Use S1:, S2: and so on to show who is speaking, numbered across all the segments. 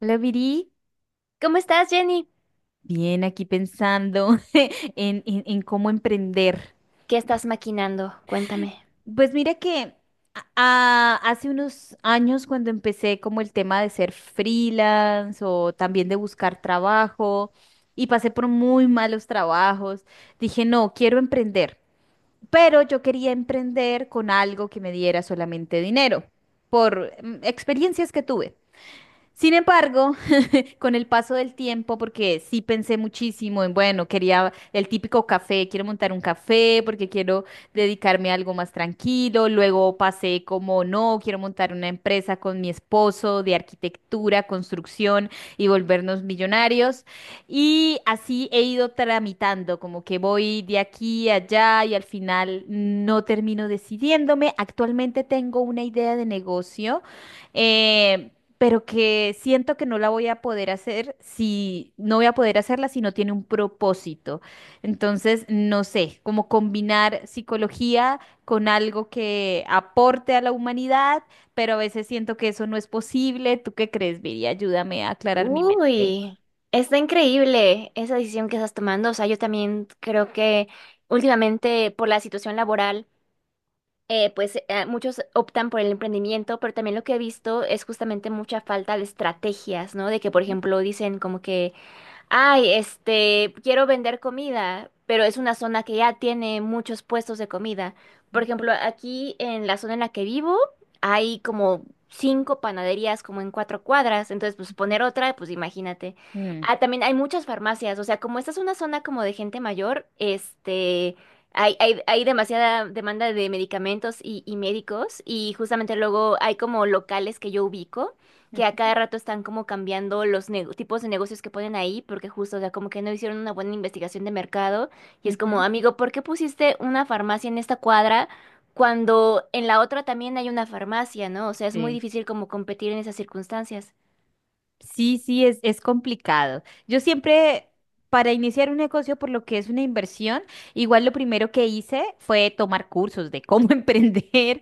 S1: Hola, Viri.
S2: ¿Cómo estás, Jenny?
S1: Bien, aquí pensando en cómo emprender.
S2: ¿Qué estás maquinando? Cuéntame.
S1: Pues mira que hace unos años cuando empecé como el tema de ser freelance o también de buscar trabajo y pasé por muy malos trabajos, dije, no, quiero emprender, pero yo quería emprender con algo que me diera solamente dinero por experiencias que tuve. Sin embargo, con el paso del tiempo, porque sí pensé muchísimo en, bueno, quería el típico café, quiero montar un café porque quiero dedicarme a algo más tranquilo. Luego pasé como, no, quiero montar una empresa con mi esposo de arquitectura, construcción y volvernos millonarios. Y así he ido tramitando, como que voy de aquí a allá y al final no termino decidiéndome. Actualmente tengo una idea de negocio. Eh, pero que siento que no la voy a poder hacer si no voy a poder hacerla si no tiene un propósito. Entonces, no sé, como combinar psicología con algo que aporte a la humanidad, pero a veces siento que eso no es posible. ¿Tú qué crees, Viri? Ayúdame a aclarar mi mente.
S2: Uy, está increíble esa decisión que estás tomando. O sea, yo también creo que últimamente por la situación laboral, pues muchos optan por el emprendimiento, pero también lo que he visto es justamente mucha falta de estrategias, ¿no? De que, por
S1: Ujú,
S2: ejemplo, dicen como que ay, quiero vender comida, pero es una zona que ya tiene muchos puestos de comida. Por ejemplo, aquí en la zona en la que vivo hay como cinco panaderías como en cuatro cuadras, entonces pues poner otra, pues imagínate.
S1: ujú,
S2: Ah, también hay muchas farmacias, o sea, como esta es una zona como de gente mayor, hay demasiada demanda de medicamentos y médicos y justamente luego hay como locales que yo ubico que a cada rato están como cambiando los tipos de negocios que ponen ahí, porque justo, o sea, como que no hicieron una buena investigación de mercado y
S1: ujú,
S2: es como,
S1: ujú.
S2: amigo, ¿por qué pusiste una farmacia en esta cuadra cuando en la otra también hay una farmacia?, ¿no? O sea, es muy
S1: Sí.
S2: difícil como competir en esas circunstancias.
S1: Sí, sí, es complicado. Yo siempre, para iniciar un negocio, por lo que es una inversión, igual lo primero que hice fue tomar cursos de cómo emprender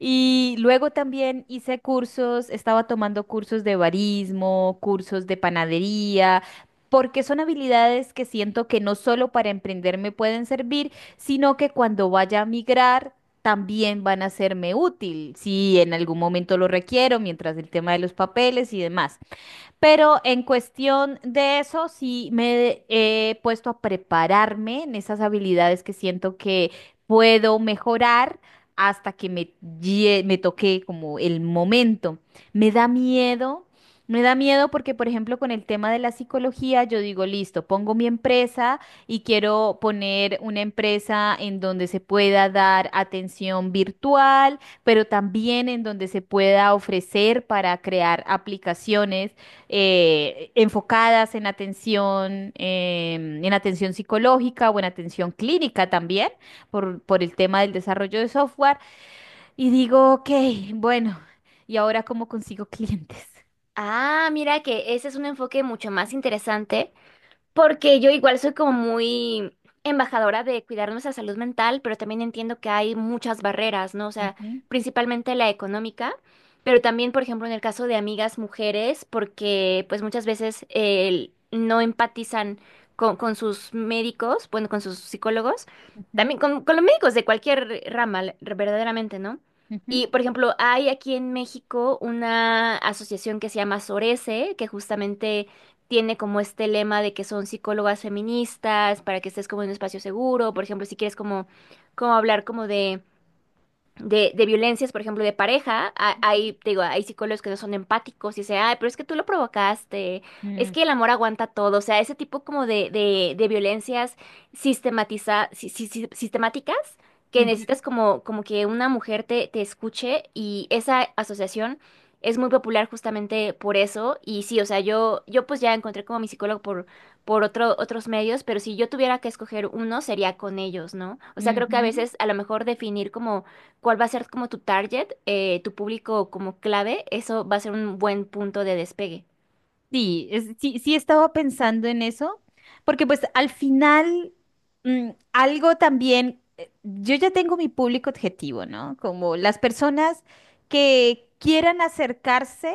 S1: y luego también hice cursos, estaba tomando cursos de barismo, cursos de panadería. Porque son habilidades que siento que no solo para emprender me pueden servir, sino que cuando vaya a migrar también van a serme útil, si en algún momento lo requiero, mientras el tema de los papeles y demás. Pero en cuestión de eso, sí me he puesto a prepararme en esas habilidades que siento que puedo mejorar hasta que me toque como el momento. Me da miedo. Me da miedo porque, por ejemplo, con el tema de la psicología, yo digo, listo, pongo mi empresa y quiero poner una empresa en donde se pueda dar atención virtual, pero también en donde se pueda ofrecer para crear aplicaciones enfocadas en atención, en atención psicológica o en atención clínica también, por el tema del desarrollo de software. Y digo, ok, bueno, ¿y ahora cómo consigo clientes?
S2: Ah, mira que ese es un enfoque mucho más interesante, porque yo igual soy como muy embajadora de cuidar nuestra salud mental, pero también entiendo que hay muchas barreras, ¿no? O sea,
S1: Ujú,
S2: principalmente la económica, pero también, por ejemplo, en el caso de amigas mujeres, porque pues muchas veces no empatizan con sus médicos, bueno, con sus psicólogos,
S1: ujú,
S2: también con los médicos de cualquier rama, verdaderamente, ¿no?
S1: ujú,
S2: Y, por ejemplo, hay aquí en México una asociación que se llama SORECE, que justamente tiene como este lema de que son psicólogas feministas, para que estés como en un espacio seguro, por ejemplo, si quieres como, como hablar como de de violencias, por ejemplo, de pareja, hay, te digo, hay psicólogos que no son empáticos y dicen, ay, pero es que tú lo provocaste, es
S1: mm,
S2: que el amor aguanta todo, o sea, ese tipo como de, de violencias sistematiza, si- si- si- sistemáticas que
S1: ujú,
S2: necesitas como, como que una mujer te, te escuche y esa asociación es muy popular justamente por eso y sí, o sea, yo pues ya encontré como mi psicólogo por otros medios, pero si yo tuviera que escoger uno sería con ellos, ¿no? O sea, creo que a
S1: ujú.
S2: veces a lo mejor definir como cuál va a ser como tu target, tu público como clave, eso va a ser un buen punto de despegue.
S1: Sí, sí, sí estaba pensando en eso, porque pues al final algo también, yo ya tengo mi público objetivo, ¿no? Como las personas que quieran acercarse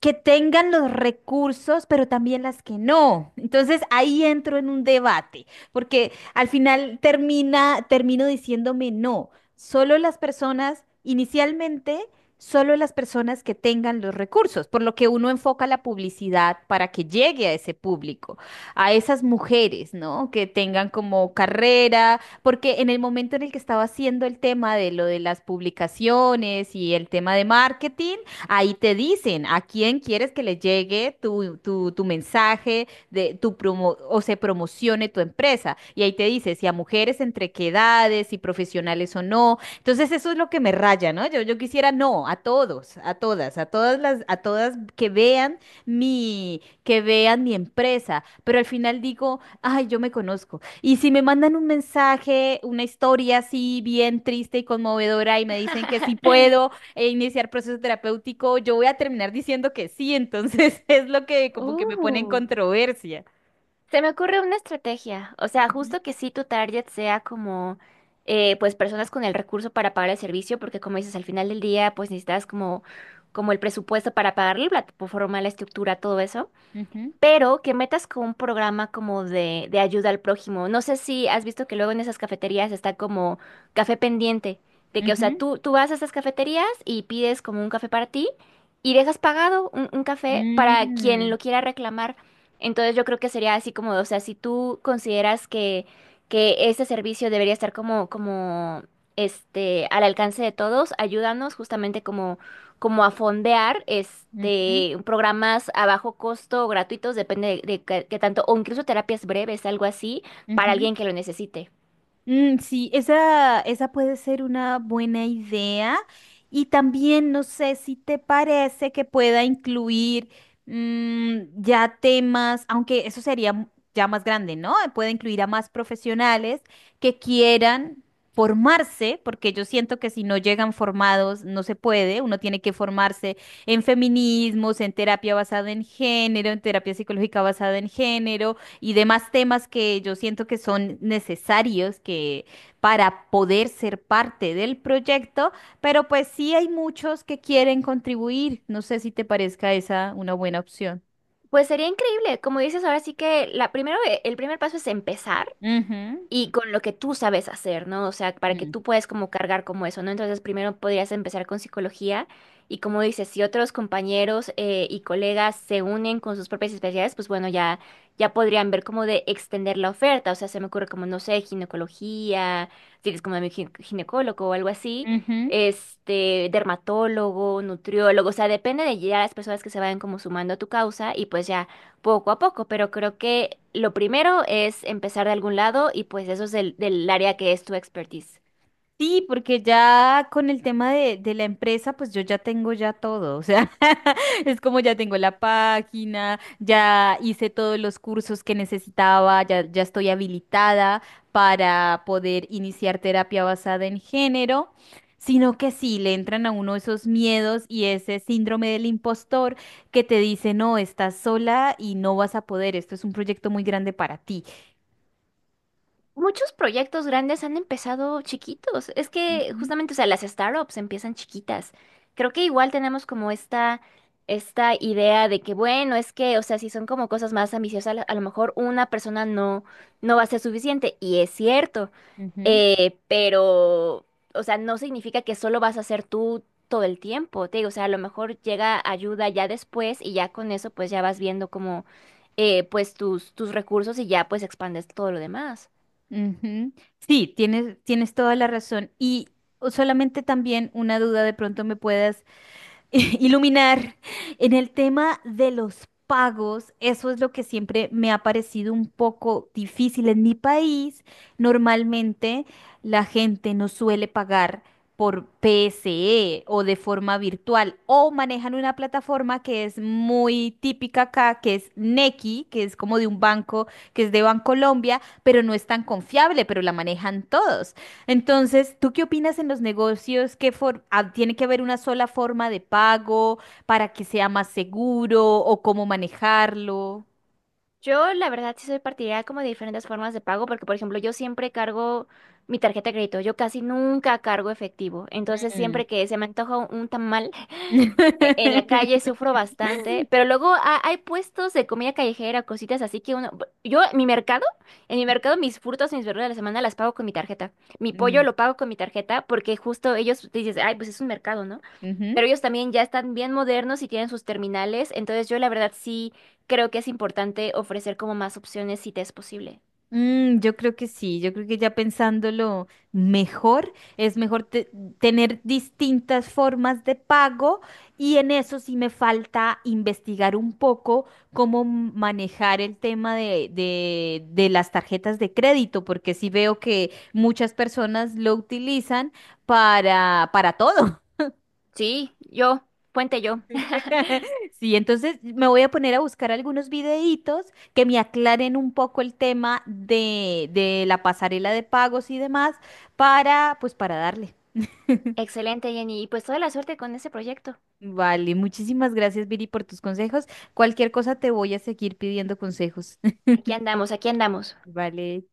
S1: que tengan los recursos, pero también las que no. Entonces ahí entro en un debate, porque al final termino diciéndome no, solo las personas, inicialmente, solo las personas que tengan los recursos, por lo que uno enfoca la publicidad para que llegue a ese público, a esas mujeres, ¿no? Que tengan como carrera, porque en el momento en el que estaba haciendo el tema de lo de las publicaciones y el tema de marketing, ahí te dicen a quién quieres que le llegue tu mensaje de tu promo o se promocione tu empresa. Y ahí te dice si a mujeres entre qué edades, si profesionales o no. Entonces eso es lo que me raya, ¿no? Yo quisiera no, a todos, a todas que vean que vean mi empresa. Pero al final digo, ay, yo me conozco. Y si me mandan un mensaje, una historia así bien triste y conmovedora y me dicen que sí puedo e iniciar proceso terapéutico, yo voy a terminar diciendo que sí, entonces es lo que como que me pone en
S2: Uh,
S1: controversia.
S2: Se me ocurre una estrategia, o sea, justo que sí tu target sea como, pues personas con el recurso para pagar el servicio, porque como dices, al final del día, pues necesitas como el presupuesto para pagarlo, la plataforma, la estructura, todo eso,
S1: Ujú,
S2: pero que metas con un programa como de ayuda al prójimo. No sé si has visto que luego en esas cafeterías está como café pendiente, de que, o sea,
S1: ujú,
S2: tú vas a esas cafeterías y pides como un café para ti y dejas pagado un café
S1: ujú,
S2: para quien
S1: mm,
S2: lo quiera reclamar. Entonces yo creo que sería así como, o sea, si tú consideras que este servicio debería estar como, al alcance de todos, ayúdanos justamente como a fondear
S1: ujú,
S2: programas a bajo costo o gratuitos, depende de qué tanto, o incluso terapias breves, algo así, para
S1: ujú.
S2: alguien que lo necesite.
S1: Mm, sí, esa puede ser una buena idea. Y también, no sé si te parece que pueda incluir ya temas, aunque eso sería ya más grande, ¿no? Puede incluir a más profesionales que quieran formarse, porque yo siento que si no llegan formados no se puede. Uno tiene que formarse en feminismos, en terapia basada en género, en terapia psicológica basada en género y demás temas que yo siento que son necesarios que para poder ser parte del proyecto, pero pues sí hay muchos que quieren contribuir. No sé si te parezca esa una buena opción.
S2: Pues sería increíble, como dices, ahora sí que el primer paso es empezar
S1: Ujú,
S2: y con lo que tú sabes hacer, ¿no? O sea, para que
S1: mm.
S2: tú puedas como cargar como eso, ¿no? Entonces, primero podrías empezar con psicología y como dices, si otros compañeros y colegas se unen con sus propias especialidades, pues bueno, ya, ya podrían ver cómo de extender la oferta, o sea, se me ocurre como, no sé, ginecología, si eres como mi ginecólogo o algo así.
S1: Ujú.
S2: Dermatólogo, nutriólogo, o sea, depende de ya las personas que se vayan como sumando a tu causa y pues ya poco a poco, pero creo que lo primero es empezar de algún lado y pues eso es del, del área que es tu expertise.
S1: Sí, porque ya con el tema de la empresa, pues yo ya tengo ya todo, o sea, es como ya tengo la página, ya hice todos los cursos que necesitaba, ya estoy habilitada para poder iniciar terapia basada en género, sino que sí, le entran a uno esos miedos y ese síndrome del impostor que te dice, no, estás sola y no vas a poder, esto es un proyecto muy grande para ti.
S2: Muchos proyectos grandes han empezado chiquitos. Es que
S1: Ujú,
S2: justamente, o sea, las startups empiezan chiquitas. Creo que igual tenemos como esta idea de que, bueno, es que, o sea, si son como cosas más ambiciosas, a lo mejor una persona no va a ser suficiente. Y es cierto.
S1: ujú.
S2: Pero, o sea, no significa que solo vas a ser tú todo el tiempo, te digo, o sea, a lo mejor llega ayuda ya después y ya con eso pues ya vas viendo como, pues tus recursos y ya pues expandes todo lo demás.
S1: Ujú. Sí, tienes toda la razón. Y solamente también una duda de pronto me puedas iluminar en el tema de los pagos. Eso es lo que siempre me ha parecido un poco difícil en mi país. Normalmente la gente no suele pagar por PSE o de forma virtual o manejan una plataforma que es muy típica acá, que es Nequi, que es como de un banco, que es de Bancolombia, pero no es tan confiable, pero la manejan todos. Entonces, ¿tú qué opinas en los negocios? Ah, tiene que haber una sola forma de pago para que sea más seguro o cómo manejarlo?
S2: Yo, la verdad, sí soy partidaria como de diferentes formas de pago, porque, por ejemplo, yo siempre cargo mi tarjeta de crédito, yo casi nunca cargo efectivo, entonces
S1: Mm.
S2: siempre que se me antoja un tamal en la calle, sufro bastante, pero luego hay puestos de comida callejera, cositas así que uno, yo, mi mercado, en mi mercado mis frutas y mis verduras de la semana las pago con mi tarjeta, mi pollo
S1: Mm,
S2: lo pago con mi tarjeta, porque justo ellos dices, ay, pues es un mercado, ¿no?
S1: ujú.
S2: Pero ellos también ya están bien modernos y tienen sus terminales, entonces yo la verdad sí creo que es importante ofrecer como más opciones si te es posible.
S1: Mm, yo creo que sí, yo creo que ya pensándolo mejor, es mejor tener distintas formas de pago y en eso sí me falta investigar un poco cómo manejar el tema de, de las tarjetas de crédito, porque sí veo que muchas personas lo utilizan para todo.
S2: Sí, yo, puente yo.
S1: Sí, entonces me voy a poner a buscar algunos videitos que me aclaren un poco el tema de, la pasarela de pagos y demás para, pues para darle.
S2: Excelente, Jenny, y pues toda la suerte con ese proyecto.
S1: Vale, muchísimas gracias, Viri, por tus consejos. Cualquier cosa te voy a seguir pidiendo consejos.
S2: Aquí andamos, aquí andamos.
S1: Vale.